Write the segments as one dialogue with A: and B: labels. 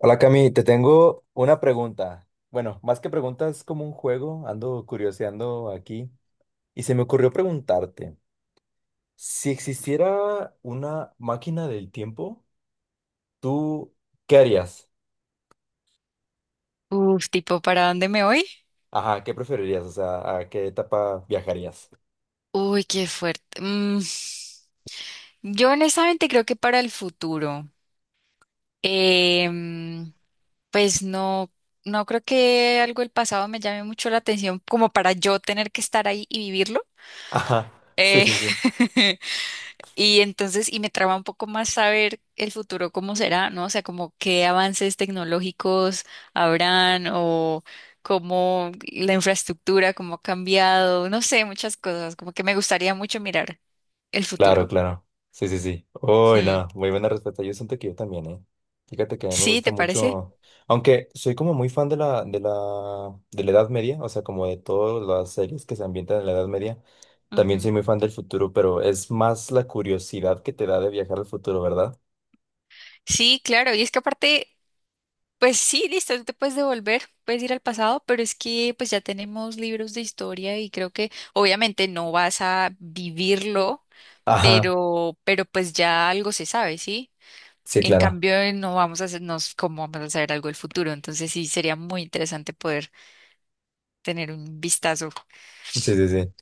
A: Hola Cami, te tengo una pregunta. Bueno, más que preguntas, como un juego, ando curioseando aquí y se me ocurrió preguntarte, si existiera una máquina del tiempo, ¿tú qué harías?
B: Uf, tipo, ¿para dónde me voy?
A: Ajá, ¿qué preferirías? O sea, ¿a qué etapa viajarías?
B: Uy, qué fuerte. Yo honestamente creo que para el futuro. Em, pues no, no creo que algo del pasado me llame mucho la atención como para yo tener que estar ahí y vivirlo.
A: Ajá, sí,
B: Eh,
A: sí, sí.
B: Y entonces me traba un poco más saber el futuro cómo será, ¿no? O sea, como qué avances tecnológicos habrán o cómo la infraestructura, cómo ha cambiado, no sé, muchas cosas, como que me gustaría mucho mirar el
A: Claro,
B: futuro.
A: claro. Sí, sí, sí. Uy,
B: Mm.
A: no, muy buena respuesta. Yo siento que yo también, ¿eh? Fíjate que a mí me
B: Sí,
A: gusta
B: ¿te parece?
A: mucho, aunque soy como muy fan de la Edad Media, o sea, como de todas las series que se ambientan en la Edad Media, también
B: Ujú.
A: soy muy fan del futuro, pero es más la curiosidad que te da de viajar al futuro, ¿verdad?
B: Sí, claro, y es que aparte, pues sí, listo, tú te puedes devolver, puedes ir al pasado, pero es que pues ya tenemos libros de historia y creo que obviamente no vas a vivirlo,
A: Ajá,
B: pero pues ya algo se sabe, ¿sí?
A: sí,
B: En
A: claro.
B: cambio, no vamos a hacernos cómo vamos a saber algo del futuro. Entonces, sí, sería muy interesante poder tener un vistazo.
A: Sí, sí, sí.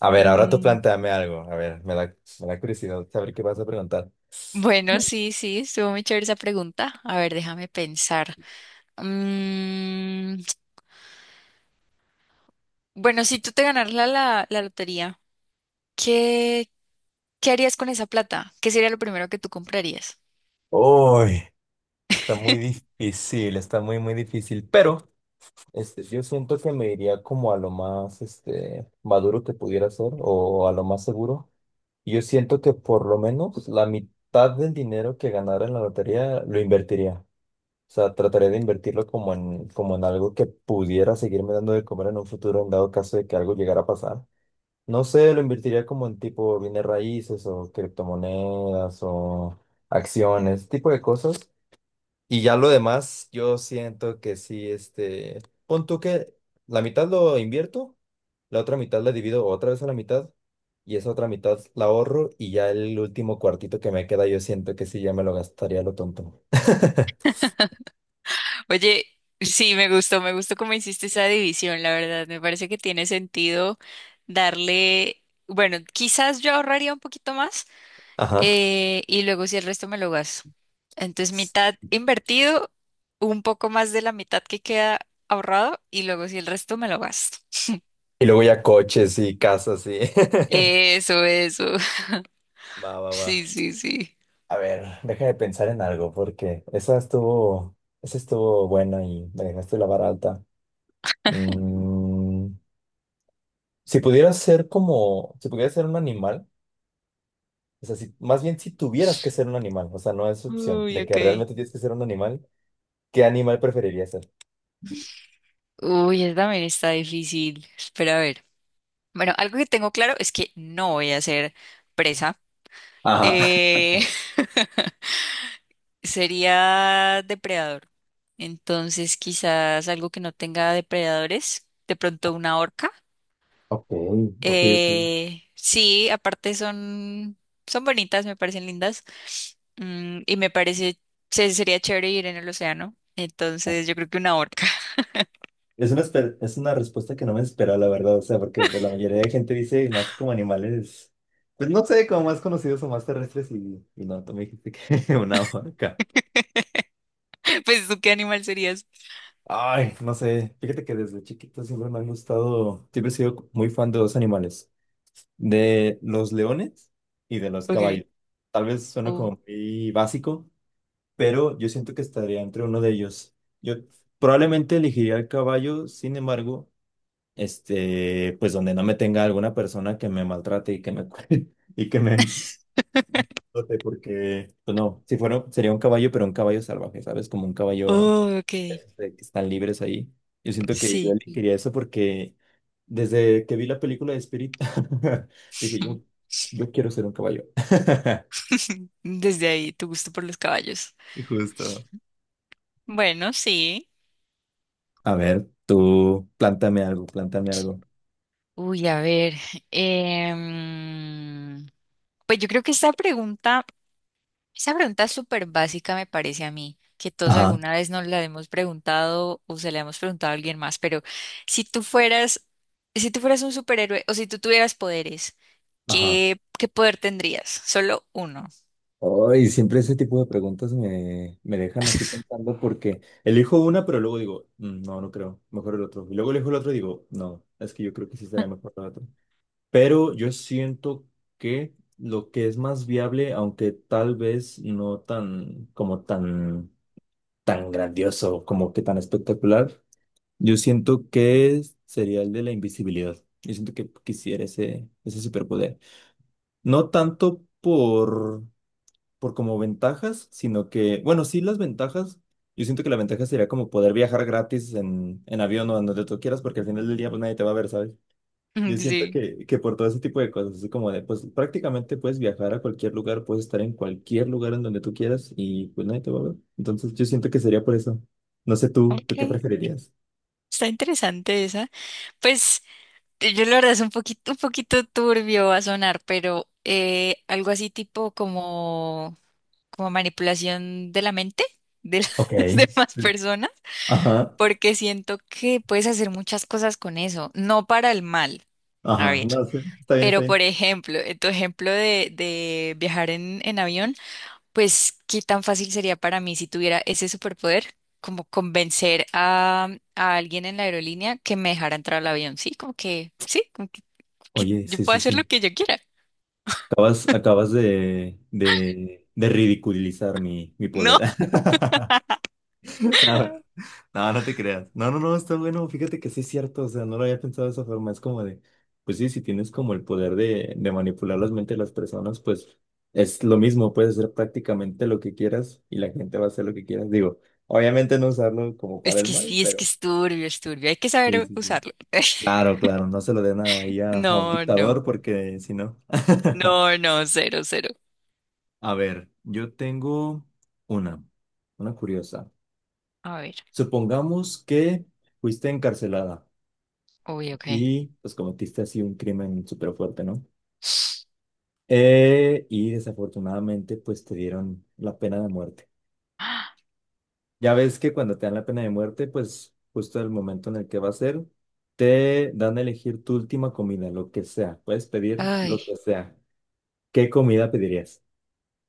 A: A ver, ahora tú
B: Mm,
A: planteame algo. A ver, me da curiosidad saber qué vas a preguntar.
B: bueno, sí, sí, estuvo muy chévere esa pregunta. A ver, déjame pensar. Mm, bueno, si tú te ganaras la lotería, ¿qué, qué harías con esa plata? ¿Qué sería lo primero que tú comprarías?
A: Uy, está muy difícil, está muy difícil, pero... Este, yo siento que me iría como a lo más este, maduro que pudiera ser o a lo más seguro. Yo siento que por lo menos la mitad del dinero que ganara en la lotería lo invertiría. O sea, trataría de invertirlo como en algo que pudiera seguirme dando de comer en un futuro en dado caso de que algo llegara a pasar. No sé, lo invertiría como en tipo bienes raíces o criptomonedas o acciones, tipo de cosas y ya lo demás, yo siento que sí, este, pon tú que la mitad lo invierto, la otra mitad la divido otra vez a la mitad y esa otra mitad la ahorro y ya el último cuartito que me queda yo siento que sí, ya me lo gastaría a lo tonto.
B: Oye, sí, me gustó cómo hiciste esa división, la verdad. Me parece que tiene sentido darle, bueno, quizás yo ahorraría un poquito más,
A: Ajá.
B: y luego si el resto me lo gasto. Entonces, mitad invertido, un poco más de la mitad que queda ahorrado y luego si el resto me lo gasto.
A: Y luego ya coches y casas y...
B: Eso, eso.
A: Va, va, va.
B: Sí, sí, sí.
A: A ver, déjame pensar en algo porque esa estuvo buena y me dejaste la vara alta. Mm, Si pudieras ser como, si pudieras ser un animal, o sea, si, más bien si tuvieras que ser un animal, o sea, no es opción,
B: Uy,
A: de
B: ok.
A: que realmente tienes que ser un animal, ¿qué animal preferirías ser?
B: Uy, esa también está difícil. Espera a ver. Bueno, algo que tengo claro es que no voy a ser presa.
A: Ajá.
B: Eh, sería depredador. Entonces, quizás algo que no tenga depredadores, de pronto una orca.
A: Ok, ok, ok.
B: Sí, aparte son, son bonitas, me parecen lindas. Y me parece, sería chévere ir en el océano. Entonces, yo creo que una orca.
A: Es una, espe- es una respuesta que no me esperaba, la verdad, o sea, porque pues, la mayoría de gente dice más como animales, pues no sé, como más conocidos o más terrestres y no, tú me dijiste que una vaca.
B: Pues tú, ¿qué animal serías?
A: Ay, no sé, fíjate que desde chiquito siempre me han gustado, siempre he sido muy fan de dos animales. De los leones y de los caballos.
B: Okay.
A: Tal vez suena
B: Oh.
A: como muy básico, pero yo siento que estaría entre uno de ellos. Yo probablemente elegiría el caballo, sin embargo, este, pues donde no me tenga alguna persona que me maltrate y que me cu- y que me explote, porque pues no, si fuera sería un caballo, pero un caballo salvaje, ¿sabes? Como un caballo
B: Oh, ok.
A: de que están libres ahí. Yo siento que yo
B: Sí.
A: elegiría eso porque desde que vi la película de Spirit, dije yo, yo quiero ser un caballo.
B: Desde ahí, tu gusto por los caballos.
A: Y Justo.
B: Bueno, sí.
A: A ver, tú, plántame algo, plántame algo.
B: Uy, a ver. em, pues yo creo que esta pregunta, esa pregunta es súper básica me parece a mí, que todos
A: Ajá,
B: alguna vez nos la hemos preguntado o se la hemos preguntado a alguien más, pero si tú fueras, si tú fueras un superhéroe o si tú tuvieras poderes,
A: ajá.
B: ¿qué poder tendrías? Solo uno.
A: Ay, siempre ese tipo de preguntas me, me dejan así pensando porque elijo una, pero luego digo, no, no creo, mejor el otro". Y luego elijo el otro y digo, no, es que yo creo que sí será mejor el otro. Pero yo siento que lo que es más viable, aunque tal vez no tan como tan grandioso, como que tan espectacular, yo siento que sería el de la invisibilidad. Yo siento que quisiera ese superpoder. No tanto por como ventajas, sino que, bueno, sí las ventajas. Yo siento que la ventaja sería como poder viajar gratis en avión o en donde tú quieras, porque al final del día pues nadie te va a ver, ¿sabes? Yo
B: Mm.
A: siento
B: Sí.
A: que por todo ese tipo de cosas, es como de, pues prácticamente puedes viajar a cualquier lugar, puedes estar en cualquier lugar en donde tú quieras y pues nadie te va a ver. Entonces yo siento que sería por eso. No sé tú, ¿tú qué
B: Ok.
A: preferirías?
B: Está interesante esa. Pues yo la verdad es un poquito turbio va a sonar, pero algo así tipo como, como manipulación de la mente de las
A: Ok,
B: demás personas,
A: ajá,
B: porque siento que puedes hacer muchas cosas con eso, no para el mal, a
A: ajá.
B: ver.
A: No sé, está bien, está
B: Pero por
A: bien.
B: ejemplo, en tu ejemplo de viajar en avión, pues qué tan fácil sería para mí si tuviera ese superpoder, como convencer a alguien en la aerolínea que me dejara entrar al avión, ¿sí? Como que, sí, que
A: Oye,
B: yo
A: sí,
B: puedo
A: sí,
B: hacer lo
A: sí.
B: que yo quiera.
A: Acabas, acabas de ridiculizar mi, mi
B: No,
A: poder. No, no, no te creas. No, no, no, está bueno. Fíjate que sí es cierto. O sea, no lo había pensado de esa forma. Es como de, pues sí, si tienes como el poder de manipular las mentes de las personas, pues es lo mismo. Puedes hacer prácticamente lo que quieras y la gente va a hacer lo que quieras. Digo, obviamente no usarlo como para
B: es
A: el
B: que
A: mal,
B: sí, es que
A: pero...
B: es turbio, es turbio. Hay que
A: Sí,
B: saber
A: sí, sí.
B: usarlo.
A: Claro, claro. No se lo den ahí a un
B: No, no,
A: dictador porque si no...
B: no, no, cero, cero.
A: A ver, yo tengo una, una curiosa.
B: A ver,
A: Supongamos que fuiste encarcelada.
B: uy, ok.
A: Y pues cometiste así un crimen súper fuerte, ¿no? Y desafortunadamente pues te dieron la pena de muerte. Ya ves que cuando te dan la pena de muerte, pues justo el momento en el que va a ser, te dan a elegir tu última comida, lo que sea. Puedes pedir
B: Ay,
A: lo que sea. ¿Qué comida pedirías?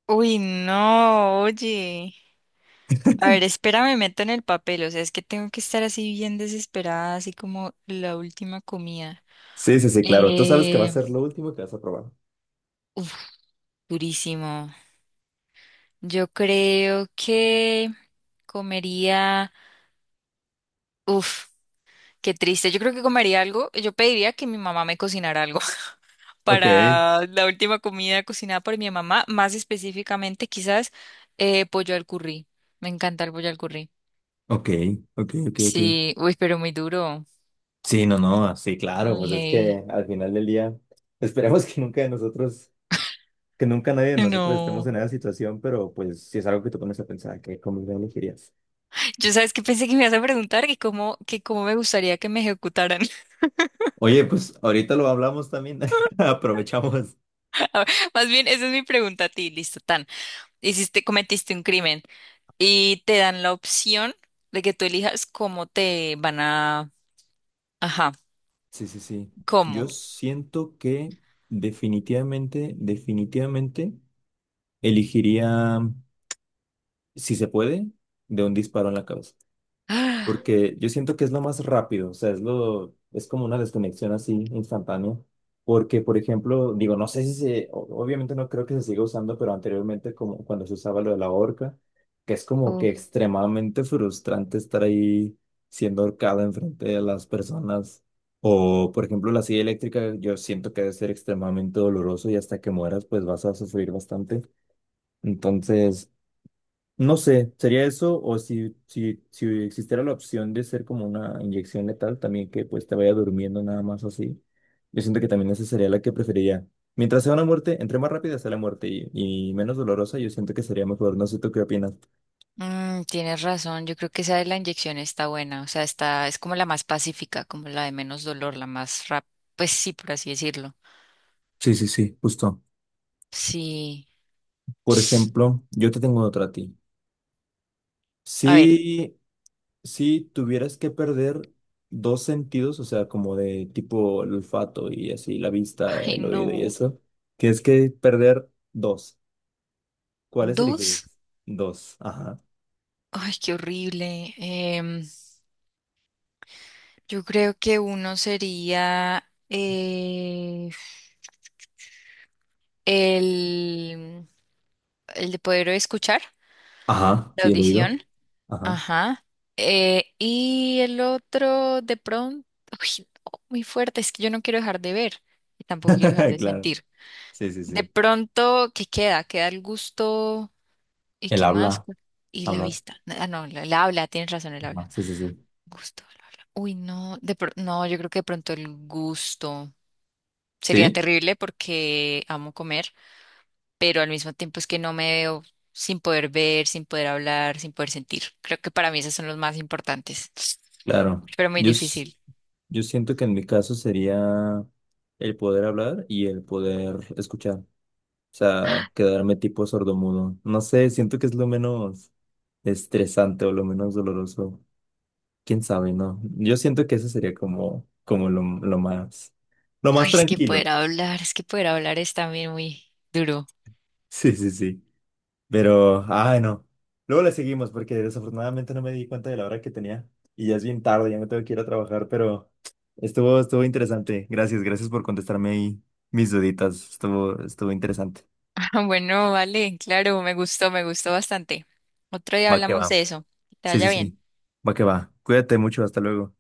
B: uy, no, oye. A ver, espérame, me meto en el papel. O sea, es que tengo que estar así bien desesperada, así como la última comida.
A: Sí, sí, sí, claro. Tú sabes que va a
B: Eh,
A: ser lo último que vas a probar.
B: uf, durísimo. Yo creo que comería. Uf. Qué triste. Yo creo que comería algo. Yo pediría que mi mamá me cocinara algo
A: Ok,
B: para la última comida cocinada por mi mamá, más específicamente quizás pollo al curry. Me encanta el pollo al curry.
A: ok, ok, ok, ok.
B: Sí, uy, pero muy duro.
A: Sí, no, no, sí, claro,
B: Uy,
A: pues es
B: hey.
A: que al final del día, esperemos que nunca de nosotros, que nunca nadie de nosotros estemos
B: No.
A: en esa situación, pero pues si es algo que tú pones a pensar, ¿qué comida elegirías?
B: Yo sabes que pensé que me ibas a preguntar que cómo me gustaría que me ejecutaran.
A: Oye, pues ahorita lo hablamos también. Aprovechamos.
B: A ver, más bien, esa es mi pregunta a ti. Listo, tan. Hiciste, cometiste un crimen y te dan la opción de que tú elijas cómo te van a... Ajá,
A: Sí, sí, sí. Yo
B: ¿cómo?
A: siento que definitivamente, definitivamente elegiría, si se puede, de un disparo en la cabeza.
B: Ah,
A: Porque yo siento que es lo más rápido, o sea, es lo, es como una desconexión así instantánea, porque, por ejemplo, digo, no sé si se, o- obviamente no creo que se siga usando, pero anteriormente como cuando se usaba lo de la horca, que es como que
B: uf,
A: extremadamente frustrante estar ahí siendo ahorcado enfrente de las personas, o, por ejemplo, la silla eléctrica, yo siento que debe ser extremadamente doloroso y hasta que mueras, pues vas a sufrir bastante. Entonces... No sé, sería eso, o si existiera la opción de ser como una inyección letal, también que pues te vaya durmiendo nada más así. Yo siento que también esa sería la que preferiría. Mientras sea una muerte, entre más rápida sea la muerte y menos dolorosa, yo siento que sería mejor. No sé tú qué opinas.
B: tienes razón, yo creo que esa de la inyección está buena, o sea, está, es como la más pacífica, como la de menos dolor, la más rápida, pues sí, por así decirlo.
A: Sí, sí, sí, justo.
B: Sí.
A: Por ejemplo, yo te tengo otra a ti.
B: A ver,
A: Si, si tuvieras que perder dos sentidos, o sea, como de tipo el olfato y así, la vista,
B: ay
A: el oído y
B: no.
A: eso, que es que perder dos. ¿Cuáles
B: Dos,
A: elegirías? Dos. Ajá.
B: ay, qué horrible. Yo creo que uno sería el, el de poder escuchar,
A: Ajá.
B: la
A: Sí, el oído.
B: audición.
A: Ajá.
B: Ajá. Y el otro, de pronto, uy, no, muy fuerte, es que yo no quiero dejar de ver y tampoco quiero dejar de
A: Claro.
B: sentir.
A: Sí, sí,
B: De
A: sí.
B: pronto, ¿qué queda? Queda el gusto y
A: El
B: qué más.
A: habla,
B: Y la
A: hablar.
B: vista. Ah, no, el habla, tienes razón, el habla.
A: Ajá, sí, sí, sí.
B: Gusto, el habla. Uy, no, de pronto, no, yo creo que de pronto el gusto sería
A: ¿Sí?
B: terrible porque amo comer, pero al mismo tiempo es que no me veo sin poder ver, sin poder hablar, sin poder sentir. Creo que para mí esos son los más importantes,
A: Claro.
B: pero muy
A: Yo, s-
B: difícil.
A: yo siento que en mi caso sería el poder hablar y el poder escuchar. O sea, quedarme tipo sordomudo. No sé, siento que es lo menos estresante o lo menos doloroso. Quién sabe, ¿no? Yo siento que eso sería como, como lo, lo más
B: Uy, es que
A: tranquilo.
B: poder hablar, es que poder hablar es también muy duro.
A: Sí, sí, sí. Pero, ay, no. Luego le seguimos porque desafortunadamente no me di cuenta de la hora que tenía y ya es bien tarde, ya me tengo que ir a trabajar, pero estuvo, estuvo interesante. Gracias, gracias por contestarme ahí mis duditas. Estuvo, estuvo interesante.
B: Ah, bueno, vale, claro, me gustó bastante. Otro día
A: Va que va.
B: hablamos de eso. Que te
A: Sí, sí,
B: vaya bien.
A: sí. Va que va. Cuídate mucho, hasta luego.